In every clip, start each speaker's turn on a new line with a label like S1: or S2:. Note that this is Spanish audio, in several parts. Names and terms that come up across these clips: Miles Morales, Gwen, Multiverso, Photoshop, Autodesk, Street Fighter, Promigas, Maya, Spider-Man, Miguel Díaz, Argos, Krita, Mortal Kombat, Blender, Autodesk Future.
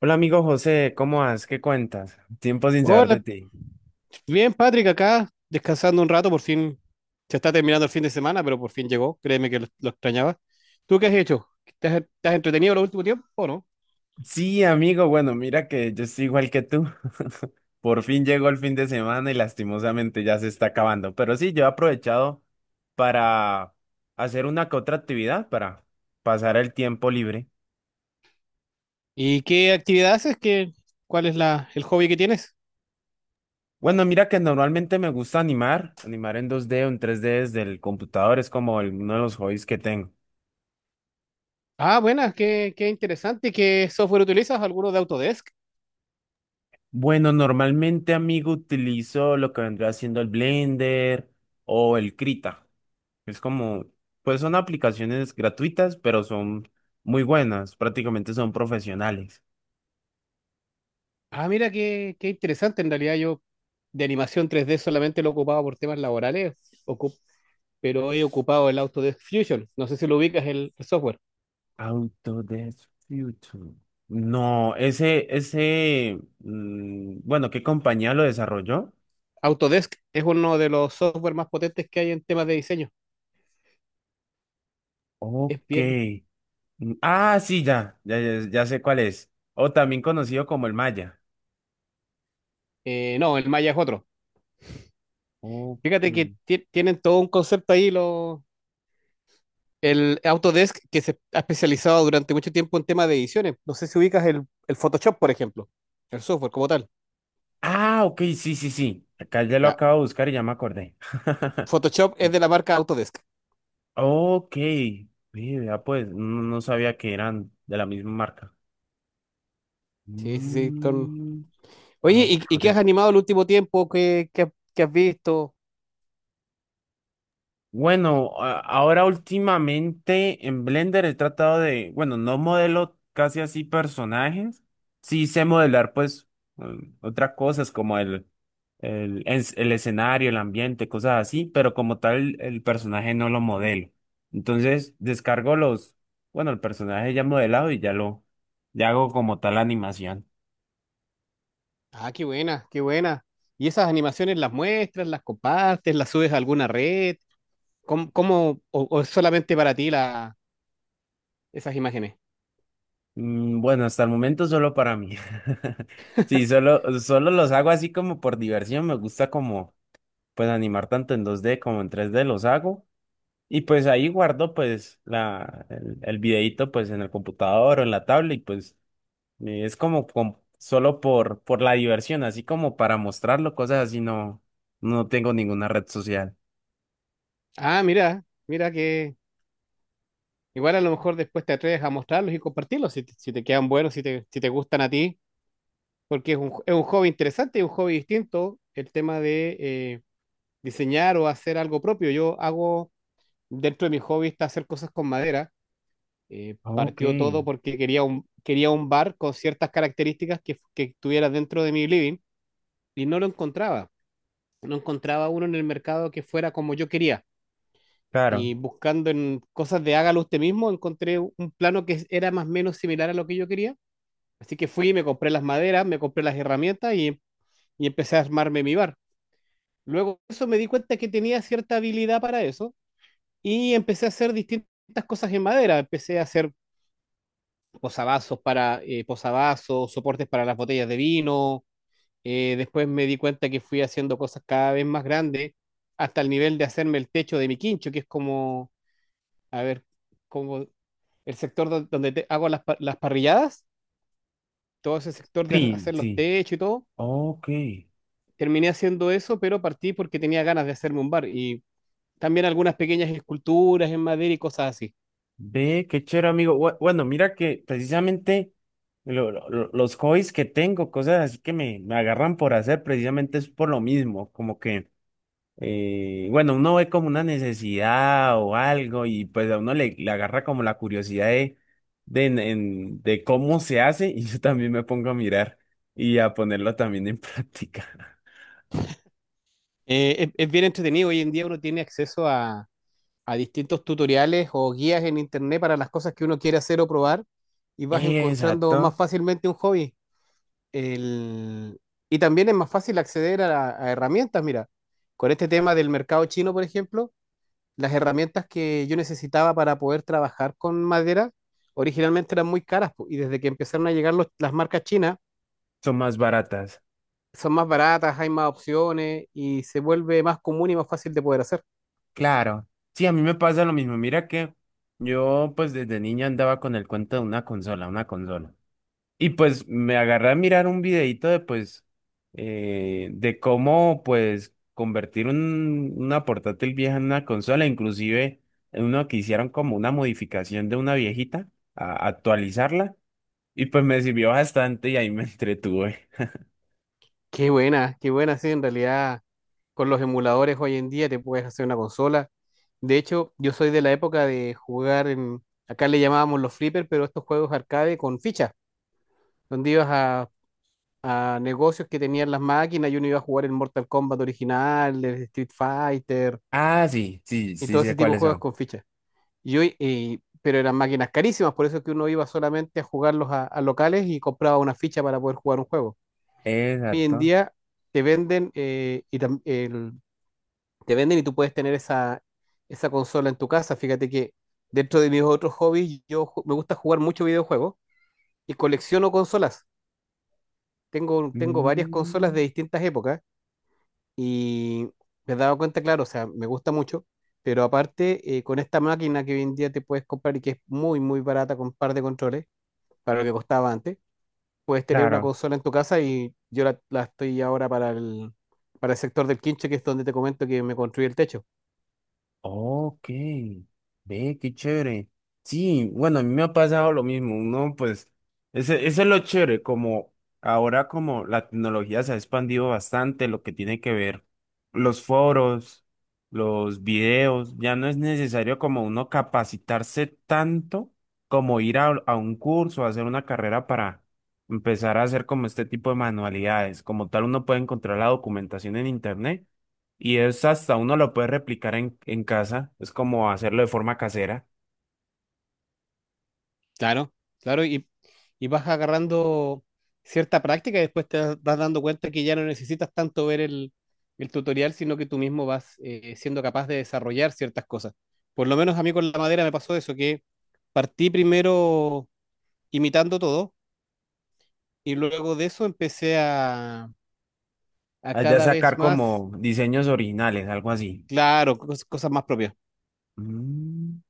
S1: Hola amigo José, ¿cómo vas? ¿Qué cuentas? Tiempo sin saber de
S2: Hola,
S1: ti.
S2: bien Patrick, acá descansando un rato, por fin se está terminando el fin de semana, pero por fin llegó, créeme que lo extrañaba. ¿Tú qué has hecho? ¿Te has entretenido el último tiempo o no?
S1: Sí, amigo, bueno, mira que yo estoy igual que tú. Por fin llegó el fin de semana y lastimosamente ya se está acabando. Pero sí, yo he aprovechado para hacer una que otra actividad para pasar el tiempo libre.
S2: ¿Y qué actividad haces? ¿Qué, cuál es el hobby que tienes?
S1: Bueno, mira que normalmente me gusta animar en 2D o en 3D desde el computador, es como uno de los hobbies que tengo.
S2: Ah, buenas, qué interesante. ¿Qué software utilizas? ¿Alguno de Autodesk?
S1: Bueno, normalmente, amigo, utilizo lo que vendría siendo el Blender o el Krita. Es como, pues son aplicaciones gratuitas, pero son muy buenas, prácticamente son profesionales.
S2: Ah, mira, qué interesante. En realidad yo de animación 3D solamente lo ocupaba por temas laborales, ocup- pero he ocupado el Autodesk Fusion. No sé si lo ubicas el software.
S1: Autodesk Future. No, bueno, ¿qué compañía lo desarrolló?
S2: Autodesk es uno de los software más potentes que hay en temas de diseño. Es
S1: Ok.
S2: bien.
S1: Mm, ah, sí, ya, ya, ya, ya sé cuál es. O también conocido como el Maya.
S2: No, el Maya es otro. Fíjate que
S1: Ok.
S2: tienen todo un concepto ahí, el Autodesk, que se ha especializado durante mucho tiempo en temas de ediciones. No sé si ubicas el Photoshop, por ejemplo, el software como tal.
S1: Ah, ok, sí, sí, sí. Acá ya lo
S2: Ya,
S1: acabo de buscar y ya me acordé.
S2: Photoshop es de la marca Autodesk.
S1: Ok, vea pues, no, no sabía que eran de la misma marca.
S2: Sí, sí, sí.
S1: Mm, ah,
S2: Oye, y
S1: ok.
S2: qué has animado el último tiempo? ¿Qué, qué, qué has visto?
S1: Bueno, ahora últimamente en Blender he tratado de, bueno, no modelo casi así personajes, sí sé modelar pues otras cosas como el escenario, el ambiente, cosas así, pero como tal el personaje no lo modelo. Entonces descargo bueno, el personaje ya modelado y ya hago como tal la animación.
S2: Ah, qué buena, qué buena. ¿Y esas animaciones las muestras, las compartes, las subes a alguna red? ¿Cómo, o es solamente para ti esas imágenes?
S1: Bueno, hasta el momento solo para mí. Sí, solo los hago así como por diversión. Me gusta como pues animar tanto en 2D como en 3D los hago. Y pues ahí guardo pues la, el videíto pues en el computador o en la tablet y pues es como solo por la diversión, así como para mostrarlo, cosas así no, no tengo ninguna red social.
S2: Ah, mira, mira que igual a lo mejor después te atreves a mostrarlos y compartirlos si te, si te quedan buenos, si te, si te gustan a ti, porque es un hobby interesante, es un hobby distinto el tema de diseñar o hacer algo propio. Yo dentro de mi hobby está hacer cosas con madera.
S1: Ok,
S2: Partió todo porque quería un bar con ciertas características que estuviera dentro de mi living y no lo encontraba. No encontraba uno en el mercado que fuera como yo quería.
S1: claro.
S2: Y buscando en cosas de hágalo usted mismo, encontré un plano que era más o menos similar a lo que yo quería. Así que fui, me compré las maderas, me compré las herramientas y empecé a armarme mi bar. Luego de eso me di cuenta que tenía cierta habilidad para eso y empecé a hacer distintas cosas en madera. Empecé a hacer posavasos para posavasos, soportes para las botellas de vino. Después me di cuenta que fui haciendo cosas cada vez más grandes hasta el nivel de hacerme el techo de mi quincho, que es como, a ver, como el sector donde hago las parrilladas, todo ese sector de
S1: Sí,
S2: hacer los
S1: sí.
S2: techos y todo.
S1: Ok,
S2: Terminé haciendo eso, pero partí porque tenía ganas de hacerme un bar y también algunas pequeñas esculturas en madera y cosas así.
S1: ve, qué chévere, amigo. Bue- Bueno, mira que precisamente los hobbies que tengo, cosas así que me agarran por hacer, precisamente es por lo mismo, como que, bueno, uno ve como una necesidad o algo y pues a uno le agarra como la curiosidad de cómo se hace y yo también me pongo a mirar y a ponerlo también en práctica.
S2: Es bien entretenido. Hoy en día uno tiene acceso a distintos tutoriales o guías en internet para las cosas que uno quiere hacer o probar y vas encontrando más
S1: Exacto,
S2: fácilmente un hobby. El... Y también es más fácil acceder a herramientas. Mira, con este tema del mercado chino, por ejemplo las herramientas que yo necesitaba para poder trabajar con madera originalmente eran muy caras po, y desde que empezaron a llegar las marcas chinas
S1: son más baratas.
S2: son más baratas, hay más opciones y se vuelve más común y más fácil de poder hacer.
S1: Claro, sí, a mí me pasa lo mismo. Mira que yo pues desde niña andaba con el cuento de una consola, una consola. Y pues me agarré a mirar un videito de pues de cómo pues convertir una portátil vieja en una consola, inclusive en uno que hicieron como una modificación de una viejita, a actualizarla. Y pues me sirvió bastante y ahí me entretuve.
S2: Qué buena, sí, en realidad con los emuladores hoy en día te puedes hacer una consola. De hecho, yo soy de la época de jugar acá le llamábamos los flippers, pero estos juegos arcade con fichas, donde ibas a negocios que tenían las máquinas y uno iba a jugar el Mortal Kombat original, el Street Fighter,
S1: Ah, sí, sí,
S2: y
S1: sí
S2: todo
S1: sé
S2: ese tipo de
S1: cuáles
S2: juegos
S1: son.
S2: con fichas. Y hoy, pero eran máquinas carísimas, por eso es que uno iba solamente a jugarlos a locales y compraba una ficha para poder jugar un juego. Hoy en
S1: Exacto.
S2: día te venden, y tam- el- te venden y tú puedes tener esa consola en tu casa. Fíjate que dentro de mis otros hobbies, me gusta jugar mucho videojuegos y colecciono consolas. Tengo varias consolas
S1: Mm,
S2: de distintas épocas. Y me he dado cuenta, claro, o sea, me gusta mucho, pero aparte, con esta máquina que hoy en día te puedes comprar y que es muy, muy barata con un par de controles, para lo que costaba antes, puedes tener una
S1: claro.
S2: consola en tu casa y yo la estoy ahora para para el sector del quinche, que es donde te comento que me construí el techo.
S1: Ok, ve, qué chévere. Sí, bueno, a mí me ha pasado lo mismo, ¿no? Pues ese es lo chévere, como ahora como la tecnología se ha expandido bastante, lo que tiene que ver los foros, los videos, ya no es necesario como uno capacitarse tanto como ir a un curso, hacer una carrera para empezar a hacer como este tipo de manualidades. Como tal, uno puede encontrar la documentación en internet y es hasta uno lo puede replicar en casa, es como hacerlo de forma casera.
S2: Claro, claro, y vas agarrando cierta práctica y después te das vas dando cuenta que ya no necesitas tanto ver el tutorial, sino que tú mismo vas siendo capaz de desarrollar ciertas cosas. Por lo menos a mí con la madera me pasó eso, que partí primero imitando todo y luego de eso empecé a
S1: Allá
S2: cada vez
S1: sacar
S2: más,
S1: como diseños originales, algo así.
S2: claro, cosas más propias.
S1: Mm,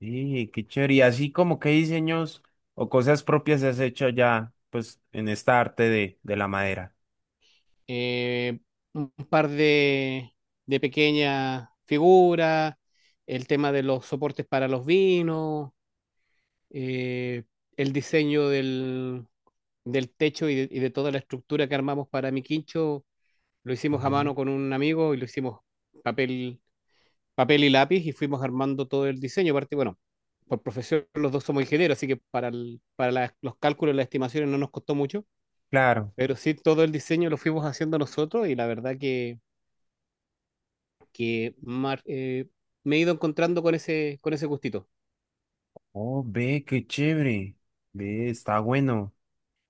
S1: sí, qué chévere. Y así como qué diseños o cosas propias has hecho ya, pues, en esta arte de la madera.
S2: eh, un par de pequeñas figuras, el tema de los soportes para los vinos, eh, el diseño del techo y de toda la estructura que armamos para mi quincho, lo hicimos a
S1: Ujú.
S2: mano con un amigo y lo hicimos papel, papel y lápiz y fuimos armando todo el diseño. Aparte, bueno, por profesión los dos somos ingenieros, así que para, el- para las- los cálculos, las estimaciones no nos costó mucho,
S1: Claro.
S2: pero sí todo el diseño lo fuimos haciendo nosotros y la verdad que que mar- eh, me he ido encontrando con ese gustito.
S1: Oh, ve, qué chévere. Ve, está bueno.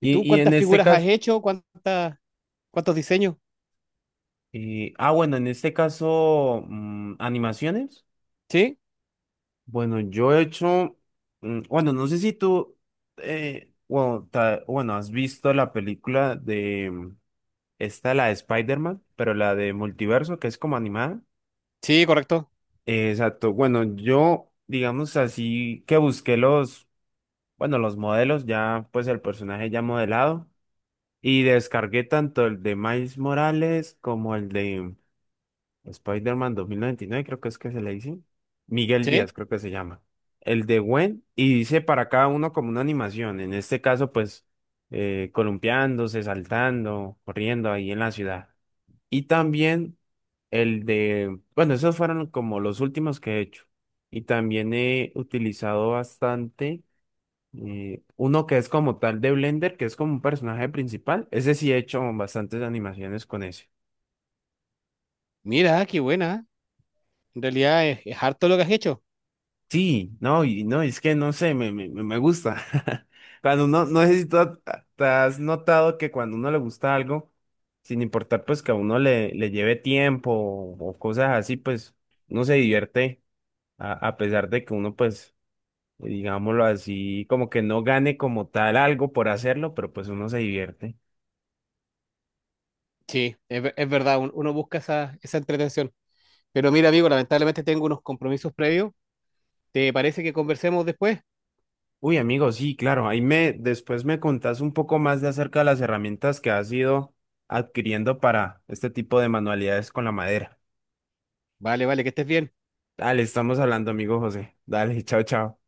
S2: ¿Y tú
S1: y en
S2: cuántas
S1: este
S2: figuras has
S1: caso,
S2: hecho? ¿Cuántas, cuántos diseños?
S1: ah, bueno, en este caso, animaciones.
S2: Sí,
S1: Bueno, yo he hecho, bueno, no sé si tú, bueno, bueno, has visto la película de, esta, la de Spider-Man, pero la de Multiverso, que es como animada.
S2: sí, correcto.
S1: Exacto, bueno, yo, digamos así, que busqué los, bueno, los modelos, ya, pues el personaje ya modelado, y descargué tanto el de Miles Morales como el de Spider-Man 2099 creo que es que se le dice. Miguel
S2: Sí,
S1: Díaz, creo que se llama. El de Gwen, y dice para cada uno como una animación. En este caso, pues, columpiándose, saltando, corriendo ahí en la ciudad. Y también el de, bueno, esos fueron como los últimos que he hecho. Y también he utilizado bastante uno que es como tal de Blender, que es como un personaje principal. Ese sí he hecho bastantes animaciones con ese.
S2: mira, qué buena. En realidad es harto lo que has hecho.
S1: Sí, no, y no, es que no sé, me gusta. Cuando uno, no sé si tú ha- te has notado que cuando uno le gusta algo, sin importar pues que a uno le lleve tiempo o cosas así, pues uno se divierte a pesar de que uno pues, digámoslo así, como que no gane como tal algo por hacerlo, pero pues uno se divierte.
S2: Sí, es verdad, uno busca esa, esa entretención. Pero mira, amigo, lamentablemente tengo unos compromisos previos. ¿Te parece que conversemos después?
S1: Uy, amigo, sí, claro, después me contás un poco más de acerca de las herramientas que has ido adquiriendo para este tipo de manualidades con la madera.
S2: Vale, vale, que estés bien.
S1: Dale, estamos hablando, amigo José. Dale, chao, chao.